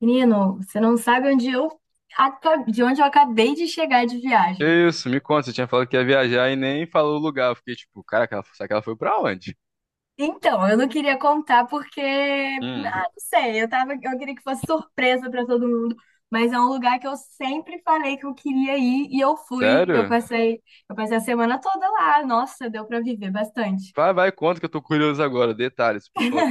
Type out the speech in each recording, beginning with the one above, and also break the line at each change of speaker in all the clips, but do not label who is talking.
Menino, você não sabe onde eu de onde eu acabei de chegar de viagem.
Isso, me conta, você tinha falado que ia viajar e nem falou o lugar. Eu fiquei tipo, caraca, será que ela foi pra onde?
Eu não queria contar porque,
Hum,
não sei, eu queria que fosse surpresa para todo mundo, mas é um lugar que eu sempre falei que eu queria ir e eu fui.
sério?
Eu passei a semana toda lá. Nossa, deu para viver bastante.
Vai, vai, conta que eu tô curioso agora. Detalhes, por favor.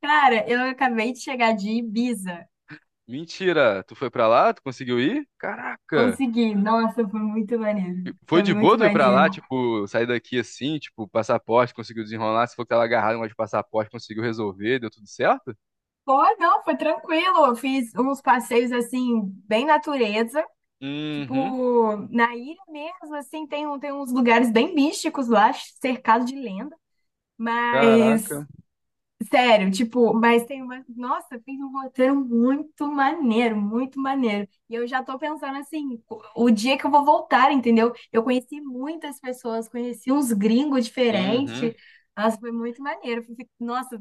Cara, eu acabei de chegar de Ibiza.
Mentira, tu foi pra lá? Tu conseguiu ir? Caraca.
Consegui. Nossa, foi muito maneiro.
E foi
Foi
de boa
muito
tu ir pra lá?
maneiro.
Tipo, sair daqui assim, tipo, passaporte, conseguiu desenrolar? Se for que tava agarrado mas de passaporte, conseguiu resolver, deu tudo certo?
Pô, não, foi tranquilo. Eu fiz uns passeios assim, bem natureza.
Uhum,
Tipo, na ilha mesmo, assim, tem uns lugares bem místicos lá, cercado de lenda. Mas,
caraca.
sério, tipo, mas tem uma. Nossa, fiz um roteiro muito maneiro, muito maneiro. E eu já tô pensando assim, o dia que eu vou voltar, entendeu? Eu conheci muitas pessoas, conheci uns gringos
Uhum.
diferentes. Nossa, foi muito maneiro. Nossa,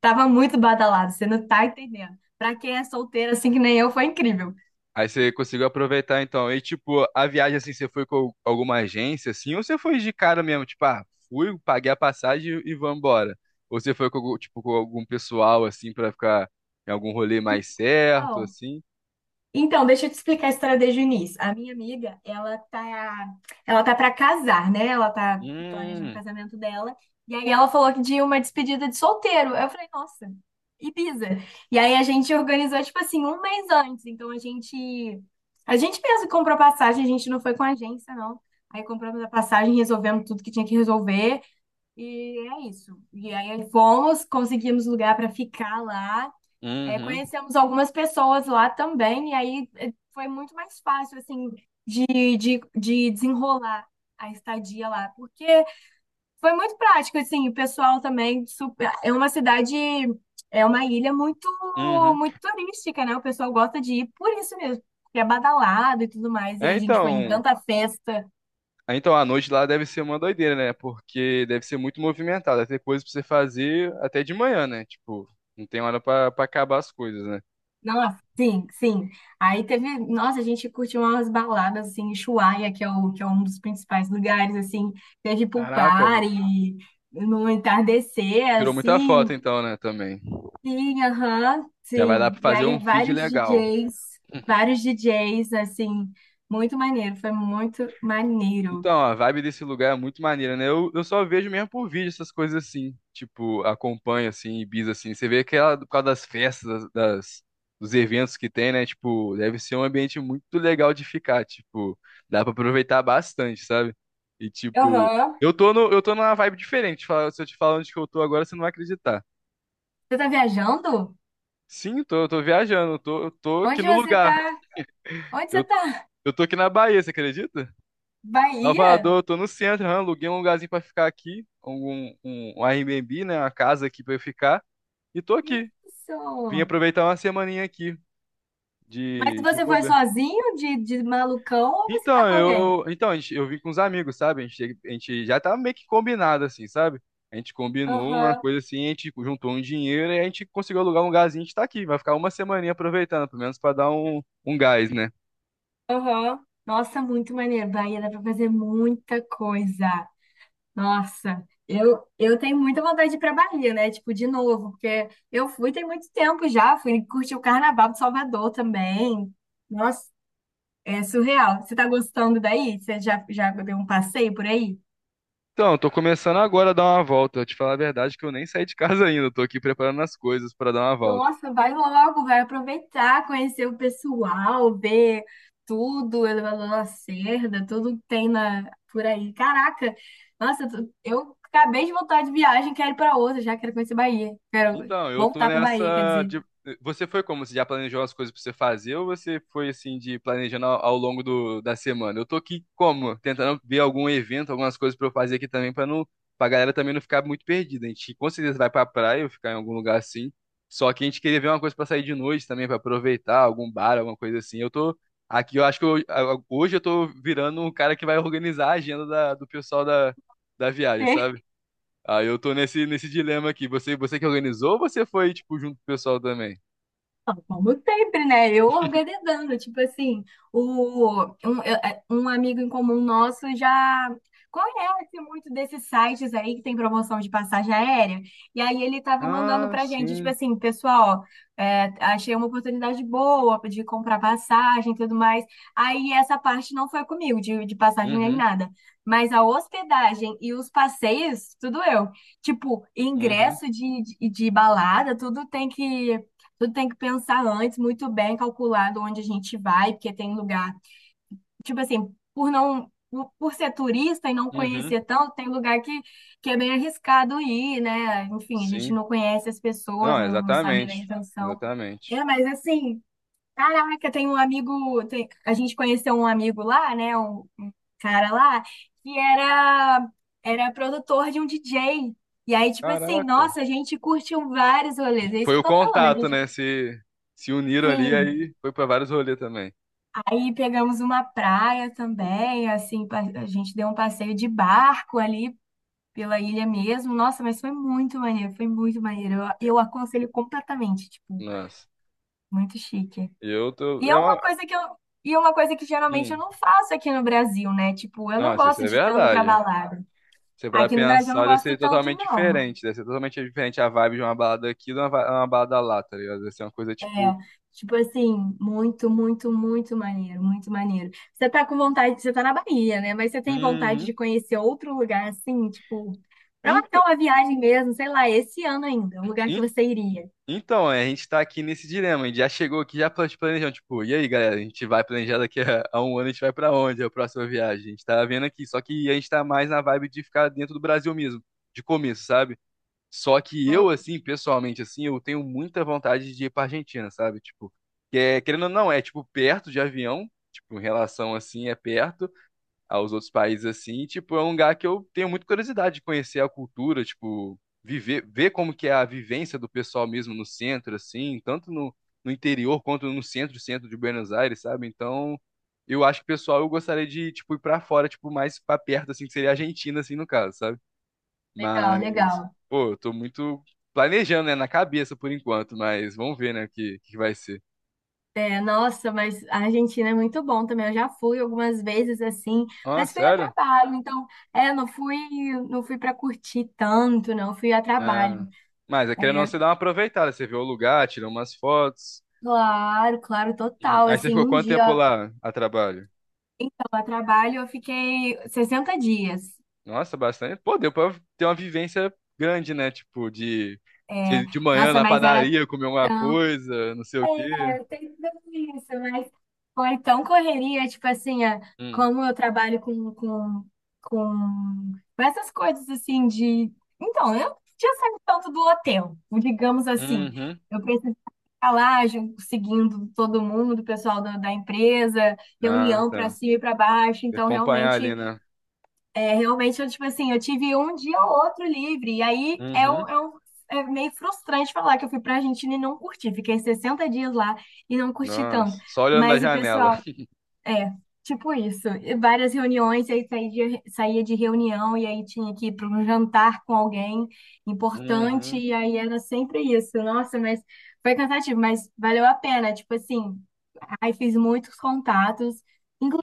tava muito badalado, você não tá entendendo. Pra quem é solteiro assim que nem eu, foi incrível.
Aí você conseguiu aproveitar então. E tipo, a viagem assim, você foi com alguma agência assim, ou você foi de cara mesmo, tipo, ah, fui, paguei a passagem e vambora. Ou você foi com tipo com algum pessoal assim pra ficar em algum rolê mais certo
Então,
assim?
Então, deixa eu te explicar a história desde o início. A minha amiga, ela tá para casar, né? Ela tá planejando o
Hum,
casamento dela. E aí ela falou que de uma despedida de solteiro. Eu falei, nossa, Ibiza. E aí a gente organizou tipo assim um mês antes. A gente mesmo comprou passagem, a gente não foi com a agência, não. Aí compramos a passagem, resolvemos tudo que tinha que resolver e é isso. E aí fomos, conseguimos lugar para ficar lá. É,
uhum,
conhecemos algumas pessoas lá também, e aí é, foi muito mais fácil, assim, de, de desenrolar a estadia lá, porque foi muito prático, assim, o pessoal também, super, é uma ilha muito,
uhum.
muito turística, né? O pessoal gosta de ir por isso mesmo, porque é badalado e tudo mais, e aí
É,
a gente foi em
então,
tanta festa.
é, então, a noite lá deve ser uma doideira, né? Porque deve ser muito movimentada, deve ter coisa pra você fazer até de manhã, né? Tipo, não tem hora pra acabar as coisas, né?
Nossa, sim, sim. Aí teve, nossa, a gente curtiu umas baladas assim em Ushuaia, que é um dos principais lugares assim, teve pool
Caraca, mano.
party, no entardecer
Tirou muita foto
assim.
então, né, também.
Sim, aham,
Já vai dar
sim.
pra
E
fazer
aí
um feed
vários
legal.
DJs, vários DJs assim, muito maneiro, foi muito maneiro.
Então, a vibe desse lugar é muito maneira, né? Eu só vejo mesmo por vídeo essas coisas assim. Tipo, acompanho assim, Ibiza assim. Você vê que ela, por causa das festas, dos eventos que tem, né? Tipo, deve ser um ambiente muito legal de ficar. Tipo, dá pra aproveitar bastante, sabe? E tipo,
Aham.
eu tô no, eu tô numa vibe diferente. Se eu te falar onde que eu tô agora, você não vai acreditar.
Você tá viajando?
Sim, tô, eu tô viajando, eu tô aqui
Onde
no
você
lugar.
tá? Onde você
Eu,
tá?
eu tô aqui na Bahia, você acredita?
Bahia?
Salvador, tô no centro, aluguei um lugarzinho pra ficar aqui, um Airbnb, né, uma casa aqui pra eu ficar, e tô aqui. Vim
Isso.
aproveitar uma semaninha aqui
Mas
de
você foi
bobeira.
sozinho de malucão ou você tá
Então,
com alguém?
eu, então, a gente- eu vim com os amigos, sabe? A gente já tá meio que combinado, assim, sabe? A gente combinou uma
Aham,
coisa assim, a gente juntou um dinheiro e a gente conseguiu alugar um lugarzinho, a gente tá aqui. Vai ficar uma semaninha aproveitando, pelo menos pra dar um gás, né?
aham. Nossa, muito maneiro. Bahia dá pra fazer muita coisa. Nossa, eu tenho muita vontade de ir pra Bahia, né? Tipo, de novo, porque eu fui tem muito tempo já. Fui curtir o Carnaval de Salvador também. Nossa, é surreal. Você tá gostando daí? Já deu um passeio por aí?
Então, eu tô começando agora a dar uma volta. Eu te falar a verdade que eu nem saí de casa ainda, eu tô aqui preparando as coisas pra dar uma volta.
Nossa, vai logo, vai aproveitar, conhecer o pessoal, ver tudo, elevador Lacerda, tudo que tem na, por aí. Caraca, nossa, eu acabei de voltar de viagem, quero ir para outra, já quero conhecer Bahia. Quero
Então, eu tô
voltar para Bahia, quer
nessa
dizer.
de... Você foi como? Você já planejou as coisas pra você fazer ou você foi assim de planejando ao longo do, da semana? Eu tô aqui como? Tentando ver algum evento, algumas coisas pra eu fazer aqui também pra galera também não ficar muito perdida. A gente com certeza vai pra praia ou ficar em algum lugar assim. Só que a gente queria ver uma coisa pra sair de noite também, pra aproveitar, algum bar, alguma coisa assim. Eu tô aqui, eu acho que hoje eu tô virando um cara que vai organizar a agenda do pessoal da viagem, sabe? Aí eu tô nesse dilema aqui. Você que organizou ou você foi, tipo, junto com o pessoal também?
Como sempre, né? Eu organizando, tipo assim, o, um, eu- é, um amigo em comum nosso já conhece muito desses sites aí que tem promoção de passagem aérea, e aí ele tava mandando
Ah,
pra gente, tipo
sim.
assim, pessoal, achei uma oportunidade boa de comprar passagem e tudo mais. Aí essa parte não foi comigo, de passagem nem
Uhum,
nada, mas a hospedagem e os passeios, tudo eu. Tipo,
uhum,
ingresso de balada, tudo tem que. Tudo tem que pensar antes, muito bem calculado onde a gente vai, porque tem lugar, tipo assim, por ser turista e não
uhum.
conhecer tanto, que é bem arriscado ir, né? Enfim, a gente
Sim.
não conhece as pessoas,
Não,
não sabe da
exatamente.
intenção.
Exatamente.
É, mas assim, caraca, tem um amigo, tem- a gente conheceu um amigo lá, né? Um cara lá, que era, era produtor de um DJ. E aí, tipo assim,
Caraca.
nossa, a gente curtiu vários rolês, é isso
Foi
que eu
o
tô falando, a
contato,
gente.
né? Se uniram ali,
Sim,
aí foi pra vários rolês também.
aí pegamos uma praia também, assim, a gente deu um passeio de barco ali pela ilha mesmo. Nossa, mas foi muito maneiro, foi muito maneiro. Eu aconselho completamente, tipo,
Nossa.
muito chique.
E eu tô.
E é
É uma...
uma coisa que eu, e é uma coisa que geralmente eu
Hum.
não faço aqui no Brasil, né? Tipo, eu não
Nossa, isso
gosto
é
de tanto pra
verdade.
balada.
Você pra
Aqui no Brasil eu não
pensar, deve
gosto
ser
tanto,
totalmente
não.
diferente. Deve ser totalmente diferente a vibe de uma balada aqui de uma balada lá, tá ligado? Deve ser uma coisa
É,
tipo.
tipo assim, muito, muito, muito maneiro, muito maneiro. Você tá com vontade, você tá na Bahia, né? Mas você tem vontade
Uhum.
de conhecer outro lugar assim, tipo, pra marcar
Ent-
uma viagem mesmo, sei lá, esse ano ainda, um lugar que
Então,
você iria.
Então, é, a gente tá aqui nesse dilema. A gente já chegou aqui, já planejando. Tipo, e aí, galera? A gente vai planejar daqui a um ano, a gente vai pra onde? É a próxima viagem. A gente tá vendo aqui. Só que a gente tá mais na vibe de ficar dentro do Brasil mesmo, de começo, sabe? Só que
Hum,
eu, assim, pessoalmente, assim, eu tenho muita vontade de ir pra Argentina, sabe? Tipo, querendo ou não, é tipo perto de avião. Tipo, em relação assim, é perto aos outros países assim, e, tipo, é um lugar que eu tenho muita curiosidade de conhecer a cultura, tipo, viver, ver como que é a vivência do pessoal mesmo no centro assim, tanto no interior quanto no centro, centro de Buenos Aires, sabe? Então, eu acho que pessoal, eu gostaria de tipo ir pra fora, tipo, mais pra perto assim, que seria a Argentina assim no caso, sabe?
Legal,
Mas,
legal.
pô, eu tô muito planejando, né, na cabeça por enquanto, mas vamos ver, né, o que que vai ser.
É, nossa, mas a Argentina é muito bom também. Eu já fui algumas vezes assim,
Ah,
mas fui a
sério?
trabalho, então, é, não fui, não fui para curtir tanto, não, fui a trabalho.
Ah, mas é querendo ou não,
É,
você dá uma aproveitada, você vê o lugar, tira umas fotos.
claro, claro,
Uhum.
total.
Aí você
Assim,
ficou
um
quanto tempo
dia.
lá a trabalho?
Então, a trabalho eu fiquei 60 dias.
Nossa, bastante. Pô, deu pra ter uma vivência grande, né? Tipo, de você
É,
ir de manhã
nossa,
na
mas era
padaria comer alguma
tão.
coisa, não sei o quê.
É, tem tudo isso, mas foi tão correria, tipo assim,
Hum.
como eu trabalho com essas coisas assim de. Então, eu não tinha saído tanto do hotel, digamos assim.
Uhum.
Eu precisava ficar lá, seguindo todo mundo, o pessoal da empresa,
Ah,
reunião
tá.
para
Tem
cima e para baixo.
que
Então,
acompanhar
realmente.
ali, né?
É realmente, tipo assim, eu tive um dia ou outro livre. E aí é, um,
Uhum.
é, um- é meio frustrante falar que eu fui pra Argentina e não curti. Fiquei 60 dias lá e não curti tanto.
Nossa, só olhando da
Mas o
janela.
pessoal, é, tipo isso. E várias reuniões, e aí saía de reunião e aí tinha que ir para um jantar com alguém importante.
Uhum.
E aí era sempre isso. Nossa, mas foi cansativo, mas valeu a pena. Tipo assim, aí fiz muitos contatos.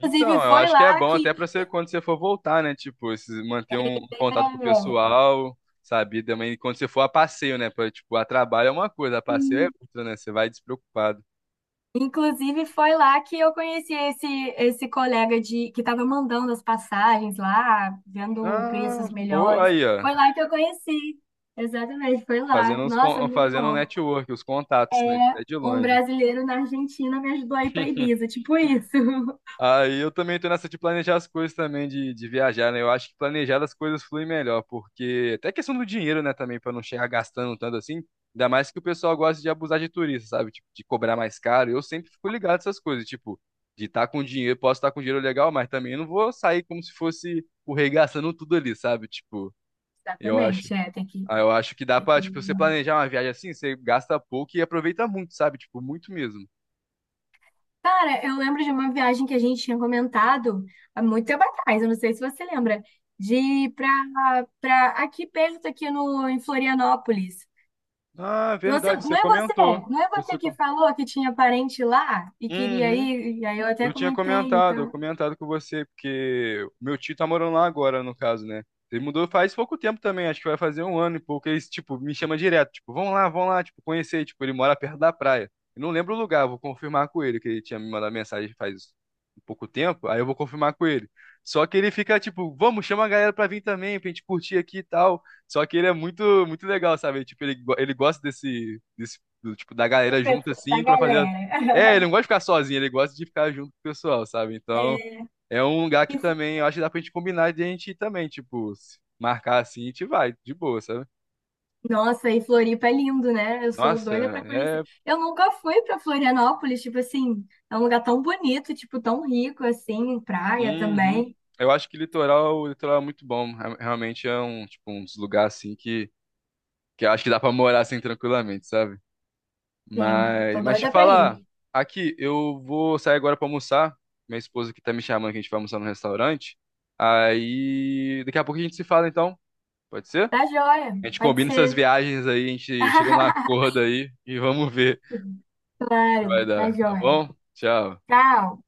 Então, eu
foi
acho que é
lá
bom
que.
até pra você, quando você for voltar, né? Tipo, manter um contato com o
É,
pessoal, sabe? E também quando você for a passeio, né? Pra, tipo, a trabalho é uma coisa, a passeio é
sim,
outra, né? Você vai despreocupado.
inclusive, foi lá que eu conheci esse colega de que estava mandando as passagens lá, vendo
Ah,
preços
pô,
melhores.
aí, ó.
Foi lá que eu conheci. Exatamente, foi lá.
Fazendo uns,
Nossa,
con-
muito
fazendo um
bom.
network, os contatos, né? Até de
Um
longe.
brasileiro na Argentina me ajudou a ir para Ibiza, tipo isso.
Aí eu também tô nessa de planejar as coisas também, de viajar, né? Eu acho que planejar as coisas flui melhor, porque até questão do dinheiro, né, também, pra não chegar gastando tanto assim. Ainda mais que o pessoal gosta de abusar de turista, sabe? Tipo, de cobrar mais caro. Eu sempre fico ligado nessas coisas, tipo, de estar com dinheiro, posso estar com dinheiro legal, mas também não vou sair como se fosse o rei gastando tudo ali, sabe? Tipo, eu acho
Exatamente, é, tem que.
Ah, eu acho que dá
tem
pra,
que-
tipo, você planejar uma viagem assim, você gasta pouco e aproveita muito, sabe? Tipo, muito mesmo.
Cara, eu lembro de uma viagem que a gente tinha comentado há muito tempo atrás, eu não sei se você lembra, de ir para aqui perto, aqui no, em Florianópolis.
Ah,
Você,
verdade, você comentou.
não é
Você
você que
com...
falou que tinha parente lá e queria
Uhum.
ir, e aí eu até
Eu tinha
comentei,
comentado, eu
então,
comentado com você, porque o meu tio tá morando lá agora, no caso, né? Ele mudou faz pouco tempo também, acho que vai fazer um ano e pouco. Ele, tipo, me chama direto, tipo, vamos lá, tipo, conhecer. Tipo, ele mora perto da praia. Eu não lembro o lugar, vou confirmar com ele, que ele tinha me mandado mensagem faz um pouco tempo, aí eu vou confirmar com ele. Só que ele fica, tipo, vamos, chama a galera pra vir também, pra gente curtir aqui e tal. Só que ele é muito, muito legal, sabe? Tipo, ele gosta do, tipo, da
do
galera junto,
pessoal, da
assim, pra fazer. Ele
galera.
não gosta de ficar sozinho, ele gosta de ficar junto com o pessoal, sabe? Então, é um lugar que
E Flo-
também eu acho que dá pra gente combinar de a gente ir também, tipo, se marcar assim, a gente vai, de boa, sabe?
Nossa, e Floripa é lindo, né? Eu sou
Nossa,
doida pra conhecer.
é.
Eu nunca fui pra Florianópolis, tipo assim, é um lugar tão bonito, tipo, tão rico, assim, praia
Uhum.
também.
Eu acho que o litoral é muito bom. Realmente é um, tipo, um dos lugares assim que eu acho que dá pra morar assim tranquilamente, sabe?
Sim, eu
Mas,
tô
mas te
doida pra ir.
falar, aqui, eu vou sair agora pra almoçar. Minha esposa aqui tá me chamando que a gente vai almoçar no restaurante. Aí, daqui a pouco a gente se fala então, pode ser?
Tá joia,
A gente
pode
combina essas
ser.
viagens aí, a gente chega num acordo aí e vamos ver o que
Claro,
vai
tá
dar, tá
joia.
bom? Tchau.
Tchau.